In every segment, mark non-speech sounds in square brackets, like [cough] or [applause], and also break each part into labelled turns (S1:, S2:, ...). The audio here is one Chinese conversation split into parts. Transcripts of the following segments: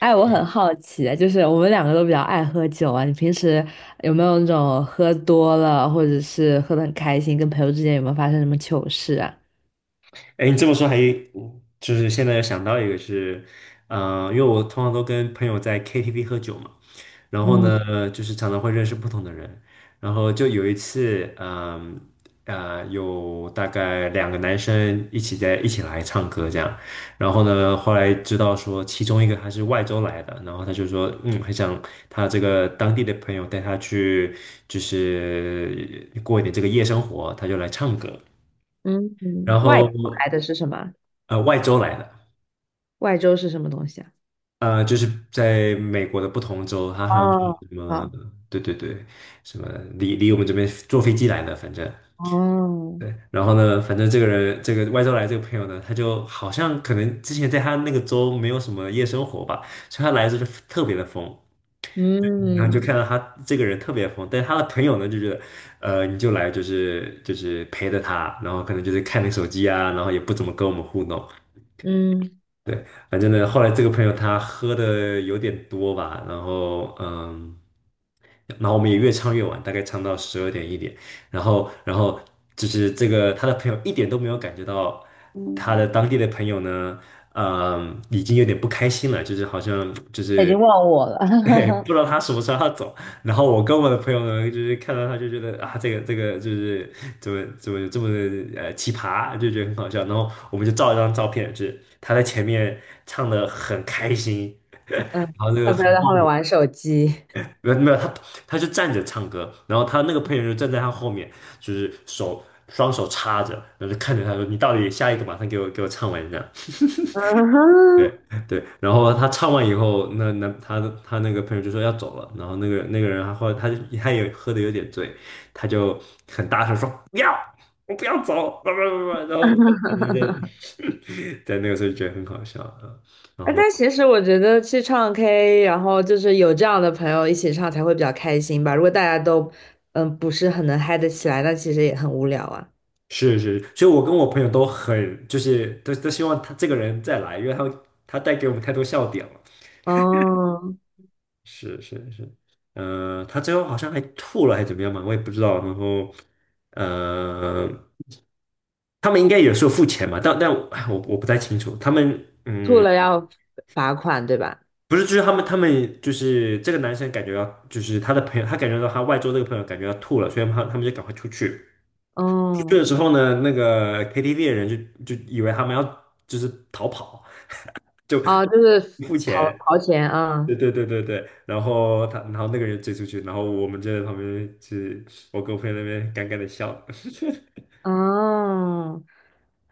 S1: 哎，我很好奇，就是我们两个都比较爱喝酒啊，你平时有没有那种喝多了，或者是喝得很开心，跟朋友之间有没有发生什么糗事啊？
S2: 哎，你这么说。还就是现在想到一个是,因为我通常都跟朋友在 KTV 喝酒嘛，然后
S1: 嗯
S2: 呢，就是常常会认识不同的人，然后就有一次，有大概两个男生一起来唱歌这样，然后呢，后来知道说其中一个他是外州来的，然后他就说，嗯，很想他这个当地的朋友带他去，就是过一点这个夜生活，他就来唱歌，
S1: 嗯，
S2: 然
S1: 外
S2: 后。
S1: 州来的是什么？
S2: 外州来的，
S1: 外州是什么东西啊？
S2: 就是在美国的不同州，他好像是
S1: 哦，
S2: 什么，
S1: 好，
S2: 对对对，什么离我们这边坐飞机来的，反正
S1: 哦，
S2: 对。然后呢，反正这个人，这个外州来这个朋友呢，他就好像可能之前在他那个州没有什么夜生活吧，所以他来的时候就特别的疯，然后就看
S1: 嗯
S2: 到他这个人特别疯，但是他的朋友呢就觉得，你就来就是陪着他，然后可能就是看你手机啊，然后也不怎么跟我们互动。
S1: 嗯，
S2: 对，反正呢，后来这个朋友他喝的有点多吧，然后我们也越唱越晚，大概唱到十二点一点，然后就是这个他的朋友一点都没有感觉到他的当地的朋友呢，嗯，已经有点不开心了，就是好像就
S1: 他已
S2: 是
S1: 经忘我了。
S2: [laughs] 对，不知道他什么时候要走。然后我跟我的朋友呢，就是看到他就觉得啊，这个就是怎么这么奇葩，就觉得很好笑。然后我们就照一张照片，就是他在前面唱的很开心，
S1: [laughs] 嗯，他不要在后面玩手机。[laughs]
S2: 没有没有他。他就站着唱歌，然后他那个朋友就站在他后面，就是手双手插着，然后就看着他说：“你到底下一个马上给我唱完这样。”
S1: 嗯
S2: 对
S1: 哼。
S2: 对，然后他唱完以后，那那他的他那个朋友就说要走了，然后那个人，他后来他就他也喝的有点醉，他就很大声说不要，我不要走，不不不，然后在
S1: [laughs]
S2: [laughs] 在那个时候就觉得很好笑啊，然
S1: 哎，
S2: 后
S1: 但其实我觉得去唱 K，然后就是有这样的朋友一起唱才会比较开心吧。如果大家都不是很能嗨得起来，那其实也很无聊啊。
S2: 是是，所以我跟我朋友都很都希望他这个人再来，因为他带给我们太多笑点了。
S1: 哦，
S2: 是是是，他最后好像还吐了，还是怎么样嘛，我也不知道。然后，呃，他们应该也是有时候付钱嘛，但哎我不太清楚。他们
S1: 吐
S2: 嗯，
S1: 了要罚款，对吧？
S2: 不是，就是他们就是这个男生感觉要，就是他的朋友，他感觉到他外桌这个朋友感觉要吐了，所以他们就赶快出去。出去的
S1: 嗯，
S2: 时候呢，那个 KTV 的人就就以为他们要就是逃跑，就
S1: 啊，就是
S2: 付钱，
S1: 掏钱啊。
S2: 对对对对对，然后他，然后那个人追出去，然后我们就在旁边，就是我跟我朋友那边尴尬的笑，[laughs]
S1: 哦，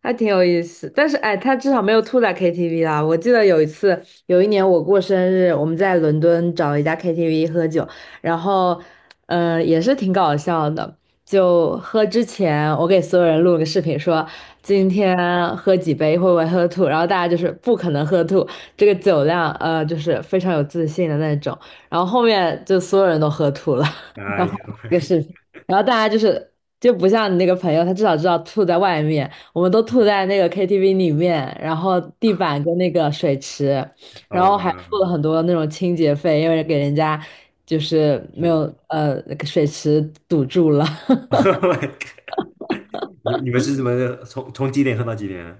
S1: 还挺有意思。但是哎，他至少没有吐在 KTV 啦。我记得有一次，有一年我过生日，我们在伦敦找了一家 KTV 喝酒，然后，也是挺搞笑的。就喝之前，我给所有人录了个视频说，今天喝几杯会不会喝吐，然后大家就是不可能喝吐，这个酒量，就是非常有自信的那种。然后后面就所有人都喝吐了。[laughs]
S2: 哎
S1: 然后
S2: 呦，
S1: 这个视频。然后大家就是就不像你那个朋友，他至少知道吐在外面，我们都吐在那个 KTV 里面，然后地板跟那个水池，然
S2: 好
S1: 后还付了
S2: 吧，
S1: 很多那种清洁费，因为给人家就是没
S2: 是。
S1: 有那个水池堵住了。
S2: [laughs]，Oh my God，你你们是怎么从几点喝到几点啊？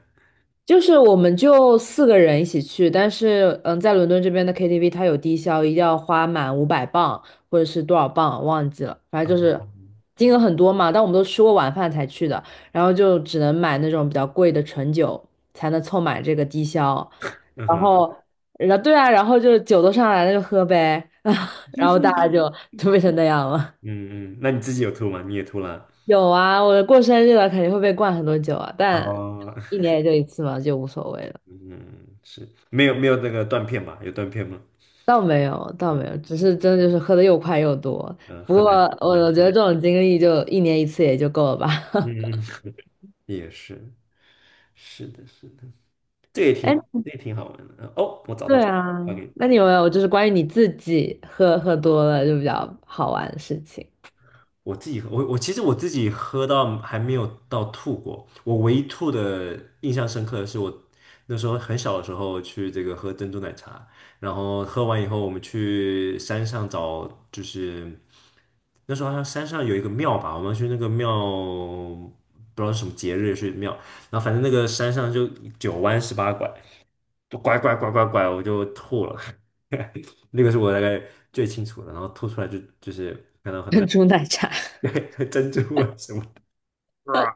S1: 就是我们就4个人一起去，但是嗯，在伦敦这边的 KTV 它有低消，一定要花满500磅或者是多少磅忘记了，反正就是金额很多嘛。但我们都吃过晚饭才去的，然后就只能买那种比较贵的纯酒才能凑满这个低消。
S2: 嗯
S1: 然
S2: 哼，
S1: 后，然后对啊，然后就酒都上来了就喝呗。[laughs] 然后大家就
S2: [laughs]
S1: 就变成那样了。
S2: 嗯嗯，那你自己有吐吗？你也吐了？
S1: 有啊，我过生日了肯定会被灌很多酒啊，但
S2: 哦，
S1: 一年也就一次嘛，就无所谓了。
S2: 嗯，是没有没有那个断片吧？有断片吗？
S1: 倒没有，倒没有，只是真的就是喝的又快又多。
S2: 嗯、
S1: 不
S2: 很
S1: 过
S2: 难
S1: 我
S2: 很难
S1: 我觉得这
S2: 受，
S1: 种经历就一年一次也就够了吧。[laughs]
S2: 嗯，[laughs] 也是，是的，是的，这也
S1: 哎，
S2: 挺这也挺好玩的。哦，我找到
S1: 对
S2: 找到，
S1: 啊，
S2: 发给你。
S1: 那你有没有就是关于你自己喝多了就比较好玩的事情？
S2: 我自己喝，我其实我自己喝到还没有到吐过。我唯一吐的印象深刻的是我那时候很小的时候去这个喝珍珠奶茶，然后喝完以后我们去山上找，就是那时候好像山上有一个庙吧，我们去那个庙不知道是什么节日去庙，然后反正那个山上就九弯十八拐，就拐拐拐拐拐，我就吐了。[laughs] 那个是我大概最清楚的，然后吐出来就是看到
S1: [laughs]
S2: 很多。
S1: 珍珠奶茶。
S2: [laughs] 珍珠啊什么的，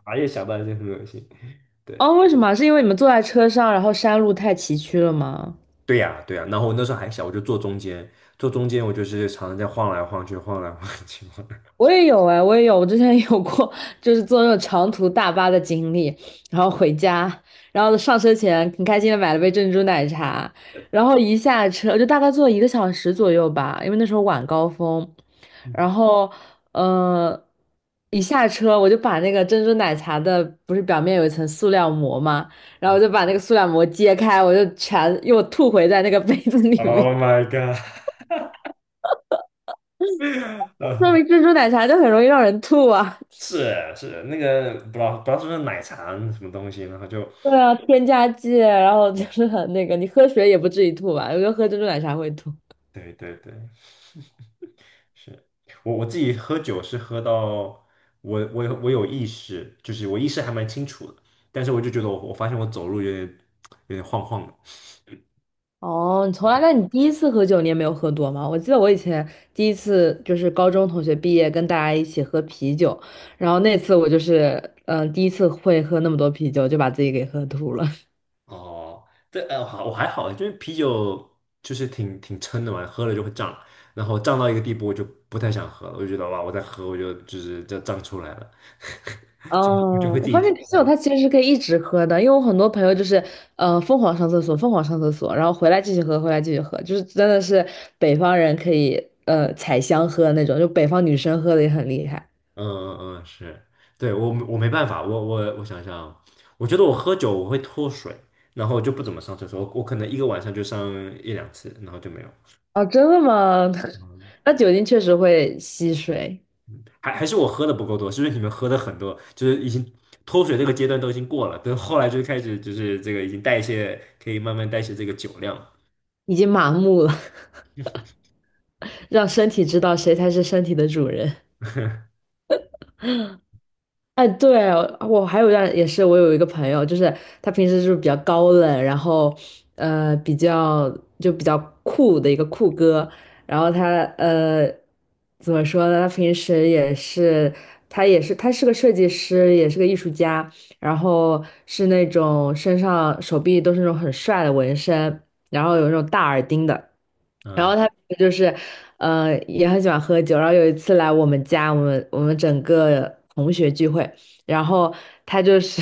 S2: 哇，一想到就很恶心。
S1: [laughs]
S2: 对，
S1: 哦，为什么？是因为你们坐在车上，然后山路太崎岖了吗？
S2: 对呀，对呀。然后我那时候还小，我就坐中间，坐中间我就是常常在晃来晃去，晃来晃去，晃来晃
S1: 我也有哎，我也有，我之前有过，就是坐那种长途大巴的经历，然后回家，然后上车前很开心的买了杯珍珠奶茶，
S2: 去，
S1: 然后一下车就大概坐1个小时左右吧，因为那时候晚高峰，然
S2: 嗯 [laughs]
S1: 后呃，一下车我就把那个珍珠奶茶的不是表面有一层塑料膜嘛，然后我就把那个塑料膜揭开，我就全又吐回在那个杯子里
S2: Oh
S1: 面。[laughs]
S2: my god！[laughs] 然
S1: 说
S2: 后
S1: 明珍珠奶茶就很容易让人吐啊。
S2: 是啊是啊那个不知道不知道是不是奶茶什么东西，然后就
S1: 对啊，添加剂，然后就是很那个，你喝水也不至于吐吧？觉得喝珍珠奶茶会吐。
S2: 对对对，是我自己喝酒是喝到我有意识，就是我意识还蛮清楚的，但是我就觉得我发现我走路有点有点晃晃的。
S1: 哦，你从来，那
S2: [laughs]
S1: 你第一次喝酒你也没有喝多吗？我记得我以前第一次就是高中同学毕业跟大家一起喝啤酒，然后那次我就是第一次会喝那么多啤酒，就把自己给喝吐了。
S2: 哦，这好，我还好，就是啤酒就是挺挺撑的嘛，喝了就会胀，然后胀到一个地步，我就不太想喝了，我就觉得哇，我再喝我就胀出来了，[laughs] 就我就
S1: 哦，
S2: 会
S1: 我
S2: 自己
S1: 发现
S2: 停
S1: 啤
S2: 下
S1: 酒
S2: 来。
S1: 它其实是可以一直喝的，因为我很多朋友就是，疯狂上厕所，疯狂上厕所，然后回来继续喝，回来继续喝，就是真的是北方人可以，采香喝那种，就北方女生喝的也很厉害。
S2: 嗯嗯嗯，是，对，我没办法，我想想啊，我觉得我喝酒我会脱水，然后就不怎么上厕所，我可能一个晚上就上一两次，然后就没有。
S1: 哦，真的吗？[laughs] 那酒精确实会吸水，
S2: 还是我喝的不够多，是不是你们喝的很多，就是已经脱水这个阶段都已经过了，等后来就开始就是这个已经代谢，可以慢慢代谢这个酒量。
S1: 已经麻木了。[laughs] 让身体知道谁才是身体的主人。哎，对，我还有一段也是，我有一个朋友，就是他平时就是比较高冷，然后比较就比较酷的一个酷哥，然后他怎么说呢？他平时也是他是个设计师，也是个艺术家，然后是那种身上手臂都是那种很帅的纹身，然后有那种大耳钉的，然
S2: 嗯
S1: 后他就是，也很喜欢喝酒。然后有一次来我们家，我们整个同学聚会，然后他就是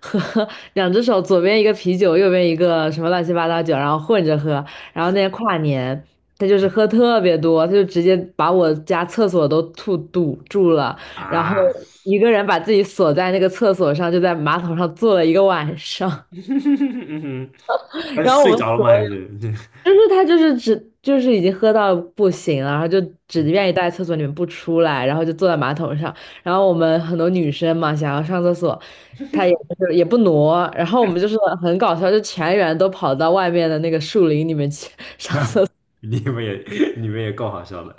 S1: [laughs] 喝两只手，左边一个啤酒，右边一个什么乱七八糟酒，然后混着喝。然后那天跨年，他就是喝特别多，他就直接把我家厕所都吐堵住了，然后
S2: 啊，
S1: 一个人把自己锁在那个厕所上，就在马桶上坐了一个晚
S2: [laughs]
S1: 上。
S2: 嗯哼，
S1: [laughs]
S2: 他是
S1: 然后我
S2: 睡
S1: 们
S2: 着了吗？还是
S1: 就是他就是只就是已经喝到不行了，然后就只愿意待在厕所里面不出来，然后就坐在马桶上。然后我们很多女生嘛，想要上厕所，他也就是也不挪，然后我们就是很搞笑，就全员都跑到外面的那个树林里面去。
S2: [laughs] 你们也，你们也够好笑的。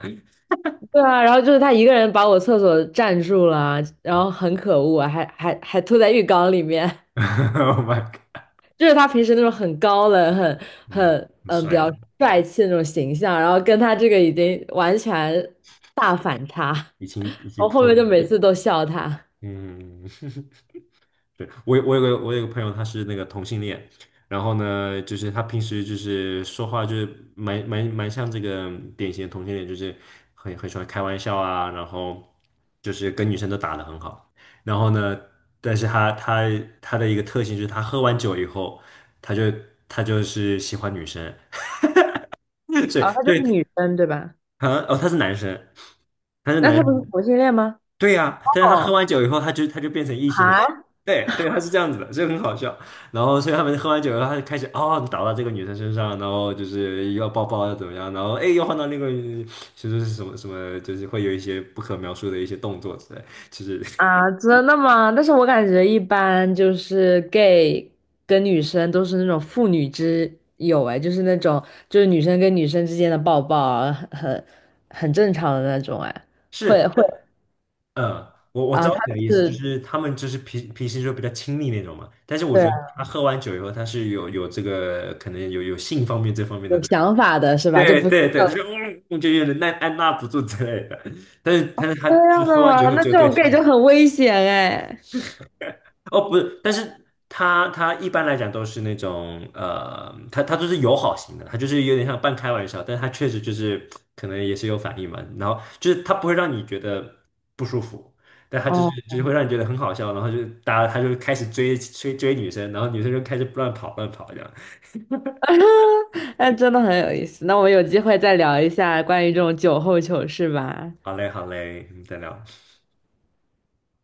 S1: [laughs] 对啊，然后就是他一个人把我厕所占住了，然后很可恶啊还吐在浴缸里面。[laughs]
S2: [laughs]，Oh my god，
S1: 就是他平时那种很高冷、很
S2: 嗯，
S1: 很
S2: 很
S1: 比较
S2: 帅，
S1: 帅气的那种形象，然后跟他这个已经完全大反差。
S2: 已经已经
S1: 我后
S2: 破
S1: 面
S2: 了，
S1: 就每次都笑他。
S2: 嗯。[laughs] 对，我有个朋友，他是那个同性恋，然后呢，就是他平时就是说话就是蛮像这个典型的同性恋，就是很喜欢开玩笑啊，然后就是跟女生都打得很好，然后呢，但是他他的一个特性就是他喝完酒以后，他就他就是喜欢女生，[laughs] 所以
S1: 啊，她就
S2: 所以
S1: 是女生对吧？
S2: 啊，哦，他是男生，他是
S1: 那
S2: 男
S1: 她不是
S2: 生。
S1: 同性恋吗？
S2: 对呀、但是他喝
S1: 哦，
S2: 完酒以后，他就变成异性恋。
S1: 啊
S2: 对对，他是这样子的，所以很好笑。然后，所以他们喝完酒以后，他就开始哦倒到这个女生身上，然后就是要抱抱要怎么样，然后哎又换到那个，就是什么什么，就是会有一些不可描述的一些动作之类。其实
S1: 啊，真的吗？但是我感觉一般就是 gay 跟女生都是那种父女之友，哎，就是那种就是女生跟女生之间的抱抱啊，很很正常的那种，哎，
S2: [laughs]
S1: 会
S2: 是，
S1: 会
S2: 我我知
S1: 啊，他
S2: 道你的意思，就
S1: 是
S2: 是他们就是脾脾气就比较亲密那种嘛。但是我
S1: 对
S2: 觉
S1: 啊，
S2: 得他喝完酒以后，他是有这个可能有性方面这方面的。
S1: 有想法的是吧？就
S2: 对
S1: 不是
S2: 对对，他就嗯，我就有点按按捺不住之类的。但是他
S1: 这
S2: 就
S1: 样的
S2: 喝完酒
S1: 吗？
S2: 后
S1: 那
S2: 就
S1: 这
S2: 对
S1: 种
S2: 心
S1: gay 就
S2: 仪，
S1: 很危险哎。
S2: 哦，不是，但是他他一般来讲都是那种，他都是友好型的，他就是有点像半开玩笑，但是他确实就是可能也是有反应嘛。然后就是他不会让你觉得不舒服，但他就
S1: 哦
S2: 是就是会让你觉得很好笑，然后就大家他就开始追追追女生，然后女生就开始乱跑乱跑这样。
S1: [laughs] 哎，真的很有意思。那我们有机会再聊一下关于这种酒后糗事吧。
S2: 好嘞好嘞，我们再聊。